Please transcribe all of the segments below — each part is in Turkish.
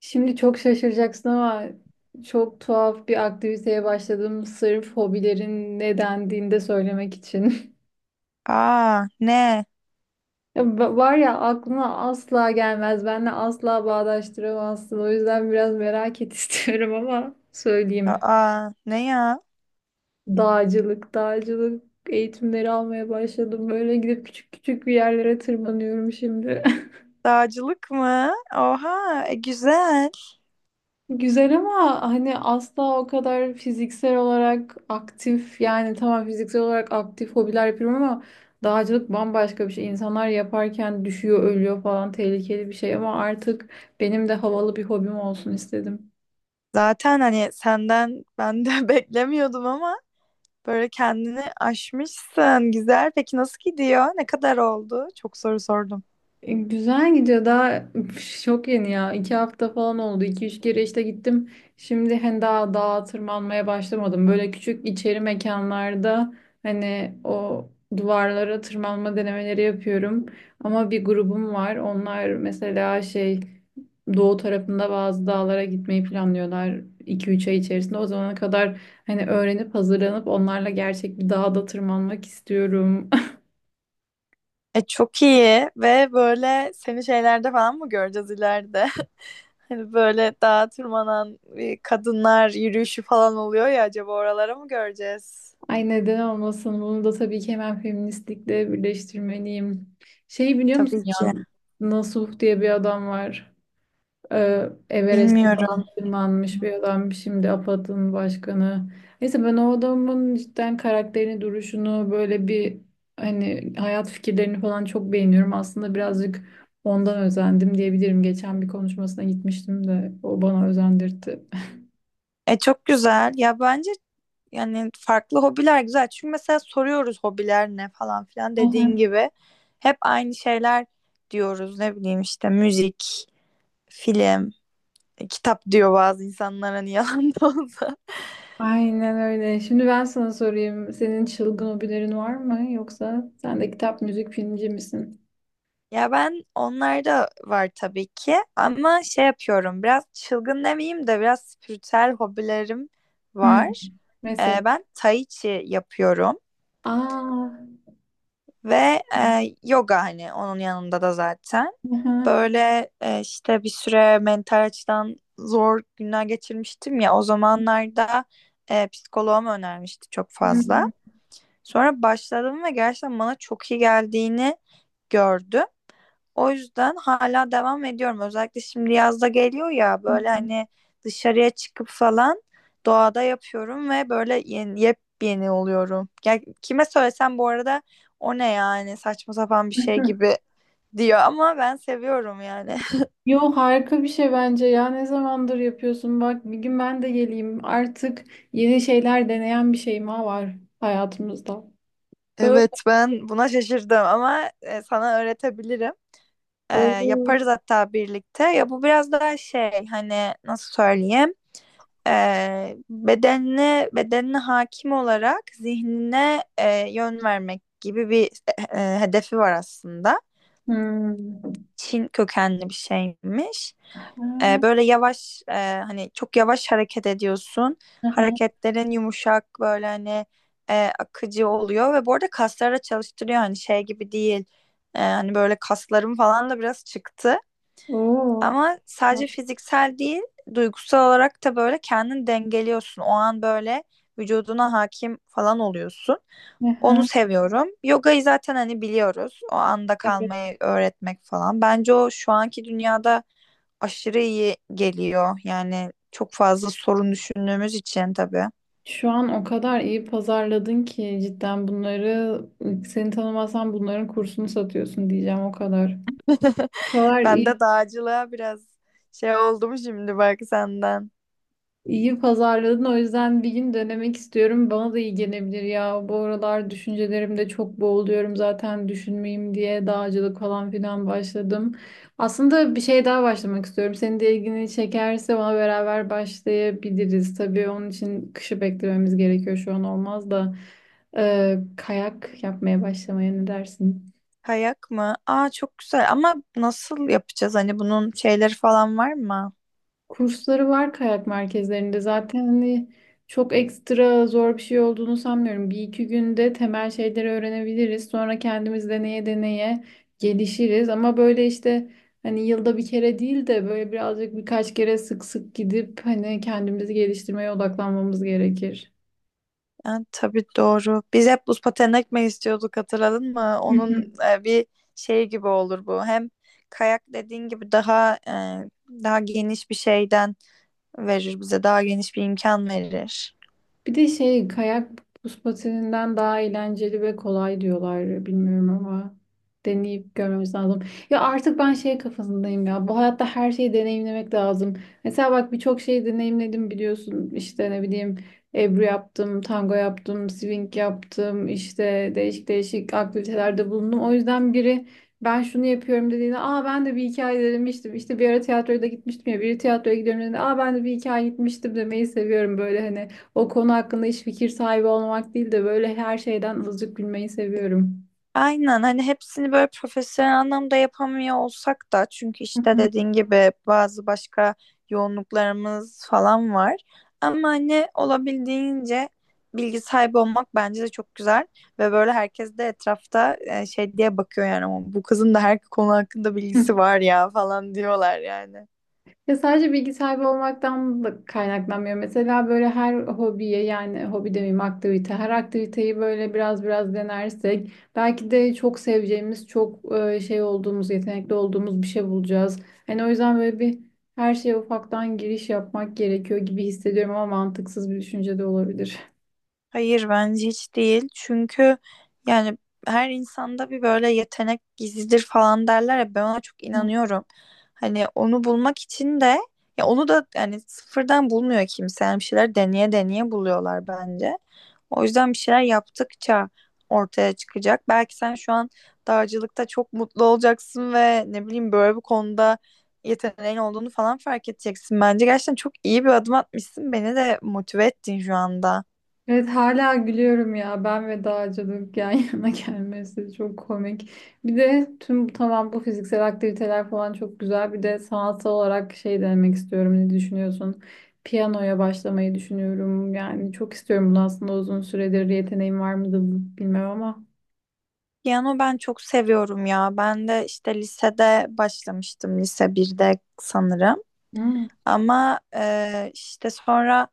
Şimdi çok şaşıracaksın ama çok tuhaf bir aktiviteye başladım sırf hobilerin ne dendiğini de söylemek için. Aa ne? Var ya, aklına asla gelmez. Benle asla bağdaştıramazsın. O yüzden biraz merak et istiyorum ama söyleyeyim. Aa ne ya? Dağcılık eğitimleri almaya başladım. Böyle gidip küçük küçük bir yerlere tırmanıyorum şimdi. Dağcılık mı? Oha güzel. Güzel ama hani asla o kadar fiziksel olarak aktif, yani tamam, fiziksel olarak aktif hobiler yapıyorum ama dağcılık bambaşka bir şey. İnsanlar yaparken düşüyor, ölüyor falan, tehlikeli bir şey ama artık benim de havalı bir hobim olsun istedim. Zaten hani senden ben de beklemiyordum ama böyle kendini aşmışsın. Güzel. Peki nasıl gidiyor? Ne kadar oldu? Çok soru sordum. E, güzel gidiyor. Daha çok yeni ya. 2 hafta falan oldu. 2-3 kere işte gittim. Şimdi hani daha dağa tırmanmaya başlamadım. Böyle küçük içeri mekanlarda hani o duvarlara tırmanma denemeleri yapıyorum. Ama bir grubum var. Onlar mesela şey, doğu tarafında bazı dağlara gitmeyi planlıyorlar. 2-3 ay içerisinde. O zamana kadar hani öğrenip hazırlanıp onlarla gerçek bir dağda tırmanmak istiyorum. E çok iyi ve böyle seni şeylerde falan mı göreceğiz ileride? Hani böyle dağa tırmanan kadınlar yürüyüşü falan oluyor ya acaba oralara mı göreceğiz? Ay, neden olmasın? Bunu da tabii ki hemen feministlikle birleştirmeliyim. Şey, biliyor musun Tabii ya, ki. Nasuh diye bir adam var. Everest'e Bilmiyorum. falan tırmanmış bir adam. Şimdi APAD'ın başkanı. Neyse, ben o adamın cidden karakterini, duruşunu böyle bir hani hayat fikirlerini falan çok beğeniyorum. Aslında birazcık ondan özendim diyebilirim. Geçen bir konuşmasına gitmiştim de o bana özendirdi. E çok güzel. Ya bence yani farklı hobiler güzel. Çünkü mesela soruyoruz hobiler ne falan filan dediğin gibi. Hep aynı şeyler diyoruz. Ne bileyim işte müzik, film, kitap diyor bazı insanlar hani yalan da olsa. Aynen öyle. Şimdi ben sana sorayım. Senin çılgın hobilerin var mı? Yoksa sen de kitap, müzik, filmci misin? Ya ben onlarda var tabii ki ama şey yapıyorum biraz çılgın demeyeyim de biraz spiritüel hobilerim Hmm. var. Mesela. Ben tai chi yapıyorum. Aa. Ve yoga hani onun yanında da zaten. Aha. Böyle işte bir süre mental açıdan zor günler geçirmiştim ya o zamanlarda psikoloğum önermişti çok fazla. Hmm. Sonra başladım ve gerçekten bana çok iyi geldiğini gördüm. O yüzden hala devam ediyorum. Özellikle şimdi yazda geliyor ya böyle hani dışarıya çıkıp falan doğada yapıyorum ve böyle yeni, yepyeni oluyorum. Ya kime söylesem bu arada o ne yani saçma sapan bir şey gibi diyor ama ben seviyorum yani. Yo, harika bir şey bence ya. Ne zamandır yapıyorsun? Bak, bir gün ben de geleyim. Artık yeni şeyler deneyen bir şey daha var hayatımızda. Böyle. Evet ben buna şaşırdım ama sana öğretebilirim. E, Oo. Yaparız hatta birlikte. Ya bu biraz daha şey hani nasıl söyleyeyim? Bedenine hakim olarak zihnine yön vermek gibi bir hedefi var aslında. Hmm. Çin kökenli bir şeymiş. Ha, Böyle yavaş hani çok yavaş hareket ediyorsun. aha. Hareketlerin yumuşak böyle hani akıcı oluyor ve bu arada kasları da çalıştırıyor hani şey gibi değil. Hani böyle kaslarım falan da biraz çıktı. Oo. Ama sadece fiziksel değil, duygusal olarak da böyle kendini dengeliyorsun. O an böyle vücuduna hakim falan oluyorsun. Onu Aha. seviyorum. Yogayı zaten hani biliyoruz. O anda Evet. kalmayı öğretmek falan. Bence o şu anki dünyada aşırı iyi geliyor. Yani çok fazla sorun düşündüğümüz için tabii. Şu an o kadar iyi pazarladın ki cidden bunları, seni tanımasam bunların kursunu satıyorsun diyeceğim o kadar. O kadar Ben iyi de dağcılığa biraz şey oldum şimdi bak senden. İyi pazarladın, o yüzden bir gün denemek istiyorum. Bana da iyi gelebilir ya. Bu aralar düşüncelerimde çok boğuluyorum, zaten düşünmeyeyim diye dağcılık falan filan başladım. Aslında bir şey daha başlamak istiyorum. Senin de ilgini çekerse ona beraber başlayabiliriz. Tabii onun için kışı beklememiz gerekiyor, şu an olmaz da. Kayak yapmaya başlamaya ne dersin? Kayak mı? Aa çok güzel ama nasıl yapacağız? Hani bunun şeyleri falan var mı? Kursları var kayak merkezlerinde zaten, hani çok ekstra zor bir şey olduğunu sanmıyorum. Bir iki günde temel şeyleri öğrenebiliriz. Sonra kendimiz deneye deneye gelişiriz. Ama böyle işte hani yılda bir kere değil de böyle birazcık birkaç kere sık sık gidip hani kendimizi geliştirmeye odaklanmamız gerekir. Yani tabii doğru. Biz hep buz pateni ekmek istiyorduk hatırladın mı? Onun bir şey gibi olur bu. Hem kayak dediğin gibi daha daha geniş bir şeyden verir bize. Daha geniş bir imkan verir. Bir de şey, kayak buz patininden daha eğlenceli ve kolay diyorlar, bilmiyorum ama deneyip görmemiz lazım. Ya artık ben şey kafasındayım ya, bu hayatta her şeyi deneyimlemek lazım. Mesela bak, birçok şeyi deneyimledim biliyorsun, işte ne bileyim, Ebru yaptım, tango yaptım, swing yaptım, işte değişik değişik aktivitelerde bulundum. O yüzden biri ben şunu yapıyorum dediğinde, aa ben de bir hikaye denemiştim. İşte bir ara tiyatroya da gitmiştim ya, biri tiyatroya gidiyorum dediğinde, aa ben de bir hikaye gitmiştim demeyi seviyorum böyle hani. O konu hakkında hiç fikir sahibi olmak değil de böyle her şeyden azıcık gülmeyi seviyorum. Aynen hani hepsini böyle profesyonel anlamda yapamıyor olsak da çünkü Hı işte hı. dediğin gibi bazı başka yoğunluklarımız falan var. Ama hani olabildiğince bilgi sahibi olmak bence de çok güzel ve böyle herkes de etrafta şey diye bakıyor yani "Ama bu kızın da her konu hakkında Hı. bilgisi var ya falan diyorlar yani. Ya sadece bilgi sahibi olmaktan da kaynaklanmıyor. Mesela böyle her hobiye, yani hobi demeyeyim, aktivite, her aktiviteyi böyle biraz biraz denersek belki de çok seveceğimiz, çok şey olduğumuz, yetenekli olduğumuz bir şey bulacağız. Hani o yüzden böyle bir her şeye ufaktan giriş yapmak gerekiyor gibi hissediyorum ama mantıksız bir düşünce de olabilir. Hayır bence hiç değil. Çünkü yani her insanda bir böyle yetenek gizlidir falan derler ya ben ona çok inanıyorum. Hani onu bulmak için de ya onu da yani sıfırdan bulmuyor kimse. Yani bir şeyler deneye deneye buluyorlar bence. O yüzden bir şeyler yaptıkça ortaya çıkacak. Belki sen şu an dağcılıkta çok mutlu olacaksın ve ne bileyim böyle bir konuda yeteneğin olduğunu falan fark edeceksin. Bence gerçekten çok iyi bir adım atmışsın. Beni de motive ettin şu anda. Evet, hala gülüyorum ya, ben ve dağcılık yan yana gelmesi çok komik. Bir de tamam, bu fiziksel aktiviteler falan çok güzel. Bir de sanatsal olarak şey denemek istiyorum. Ne düşünüyorsun? Piyanoya başlamayı düşünüyorum. Yani çok istiyorum bunu, aslında uzun süredir, yeteneğim var mıdır bilmem ama. Piyano ben çok seviyorum ya. Ben de işte lisede başlamıştım. Lise birde sanırım. Hı, Ama işte sonra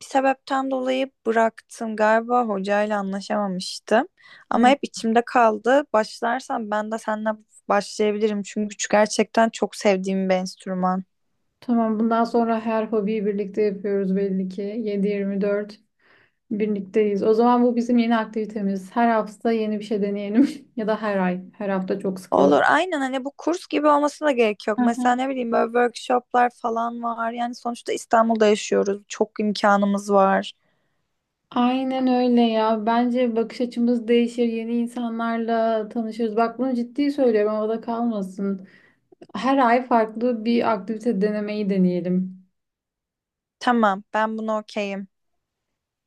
bir sebepten dolayı bıraktım. Galiba hocayla anlaşamamıştım. Ama hı. hep içimde kaldı. Başlarsam ben de seninle başlayabilirim. Çünkü gerçekten çok sevdiğim bir enstrüman. Tamam, bundan sonra her hobiyi birlikte yapıyoruz belli ki. 7-24 birlikteyiz. O zaman bu bizim yeni aktivitemiz. Her hafta yeni bir şey deneyelim. Ya da her ay. Her hafta çok sık olabilir. Olur aynen hani bu kurs gibi olmasına da gerek yok. Aha. Mesela ne bileyim böyle workshoplar falan var. Yani sonuçta İstanbul'da yaşıyoruz. Çok imkanımız var. Aynen öyle ya. Bence bakış açımız değişir. Yeni insanlarla tanışırız. Bak, bunu ciddi söylüyorum. Havada kalmasın. Her ay farklı bir aktivite denemeyi deneyelim. Tamam, ben buna okeyim.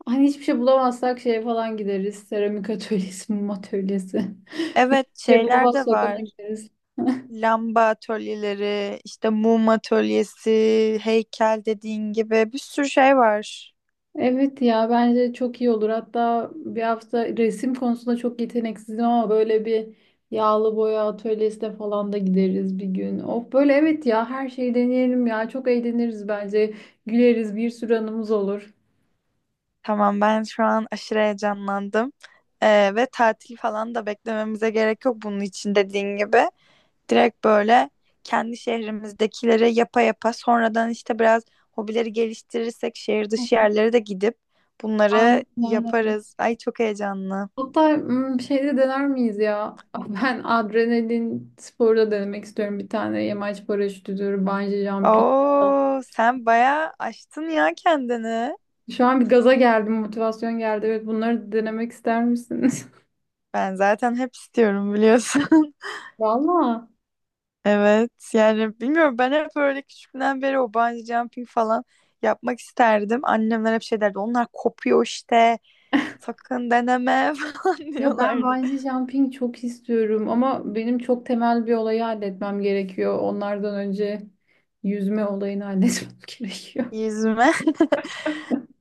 Hani hiçbir şey bulamazsak şeye falan gideriz. Seramik atölyesi, mum atölyesi. Hiçbir Evet, şey şeyler de bulamazsak ona var. gideriz. Lamba atölyeleri, işte mum atölyesi, heykel dediğin gibi bir sürü şey var. Evet ya, bence çok iyi olur. Hatta bir hafta, resim konusunda çok yeteneksizim ama böyle bir yağlı boya atölyesine falan da gideriz bir gün. Of, böyle evet ya, her şeyi deneyelim ya. Çok eğleniriz bence. Güleriz, bir sürü anımız olur. Tamam, ben şu an aşırı heyecanlandım. Ve tatil falan da beklememize gerek yok bunun için dediğin gibi. Direkt böyle kendi şehrimizdekileri yapa yapa sonradan işte biraz hobileri geliştirirsek şehir dışı yerlere de gidip bunları Aynen. yaparız. Ay çok heyecanlı. Hatta şeyde dener miyiz ya? Ben adrenalin sporu da denemek istiyorum. Bir tane yamaç paraşütüdür, bungee jumping. Oo, sen bayağı aştın ya kendini. Şu an bir gaza geldim, motivasyon geldi. Evet, bunları denemek ister misiniz? Ben zaten hep istiyorum biliyorsun. Valla. Evet yani bilmiyorum ben hep öyle küçüklüğümden beri o bungee jumping falan yapmak isterdim. Annemler hep şey derdi onlar kopuyor işte sakın deneme falan Ya, ben diyorlardı. bungee jumping çok istiyorum ama benim çok temel bir olayı halletmem gerekiyor. Onlardan önce yüzme olayını halletmem gerekiyor. Yüzme.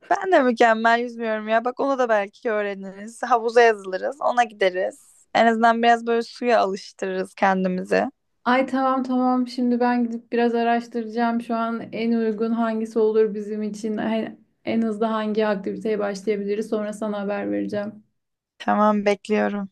Ben de mükemmel yüzmüyorum ya bak onu da belki öğreniriz. Havuza yazılırız ona gideriz. En azından biraz böyle suya alıştırırız kendimizi. Ay tamam tamam, şimdi ben gidip biraz araştıracağım. Şu an en uygun hangisi olur bizim için? En hızlı hangi aktiviteye başlayabiliriz? Sonra sana haber vereceğim. Tamam bekliyorum.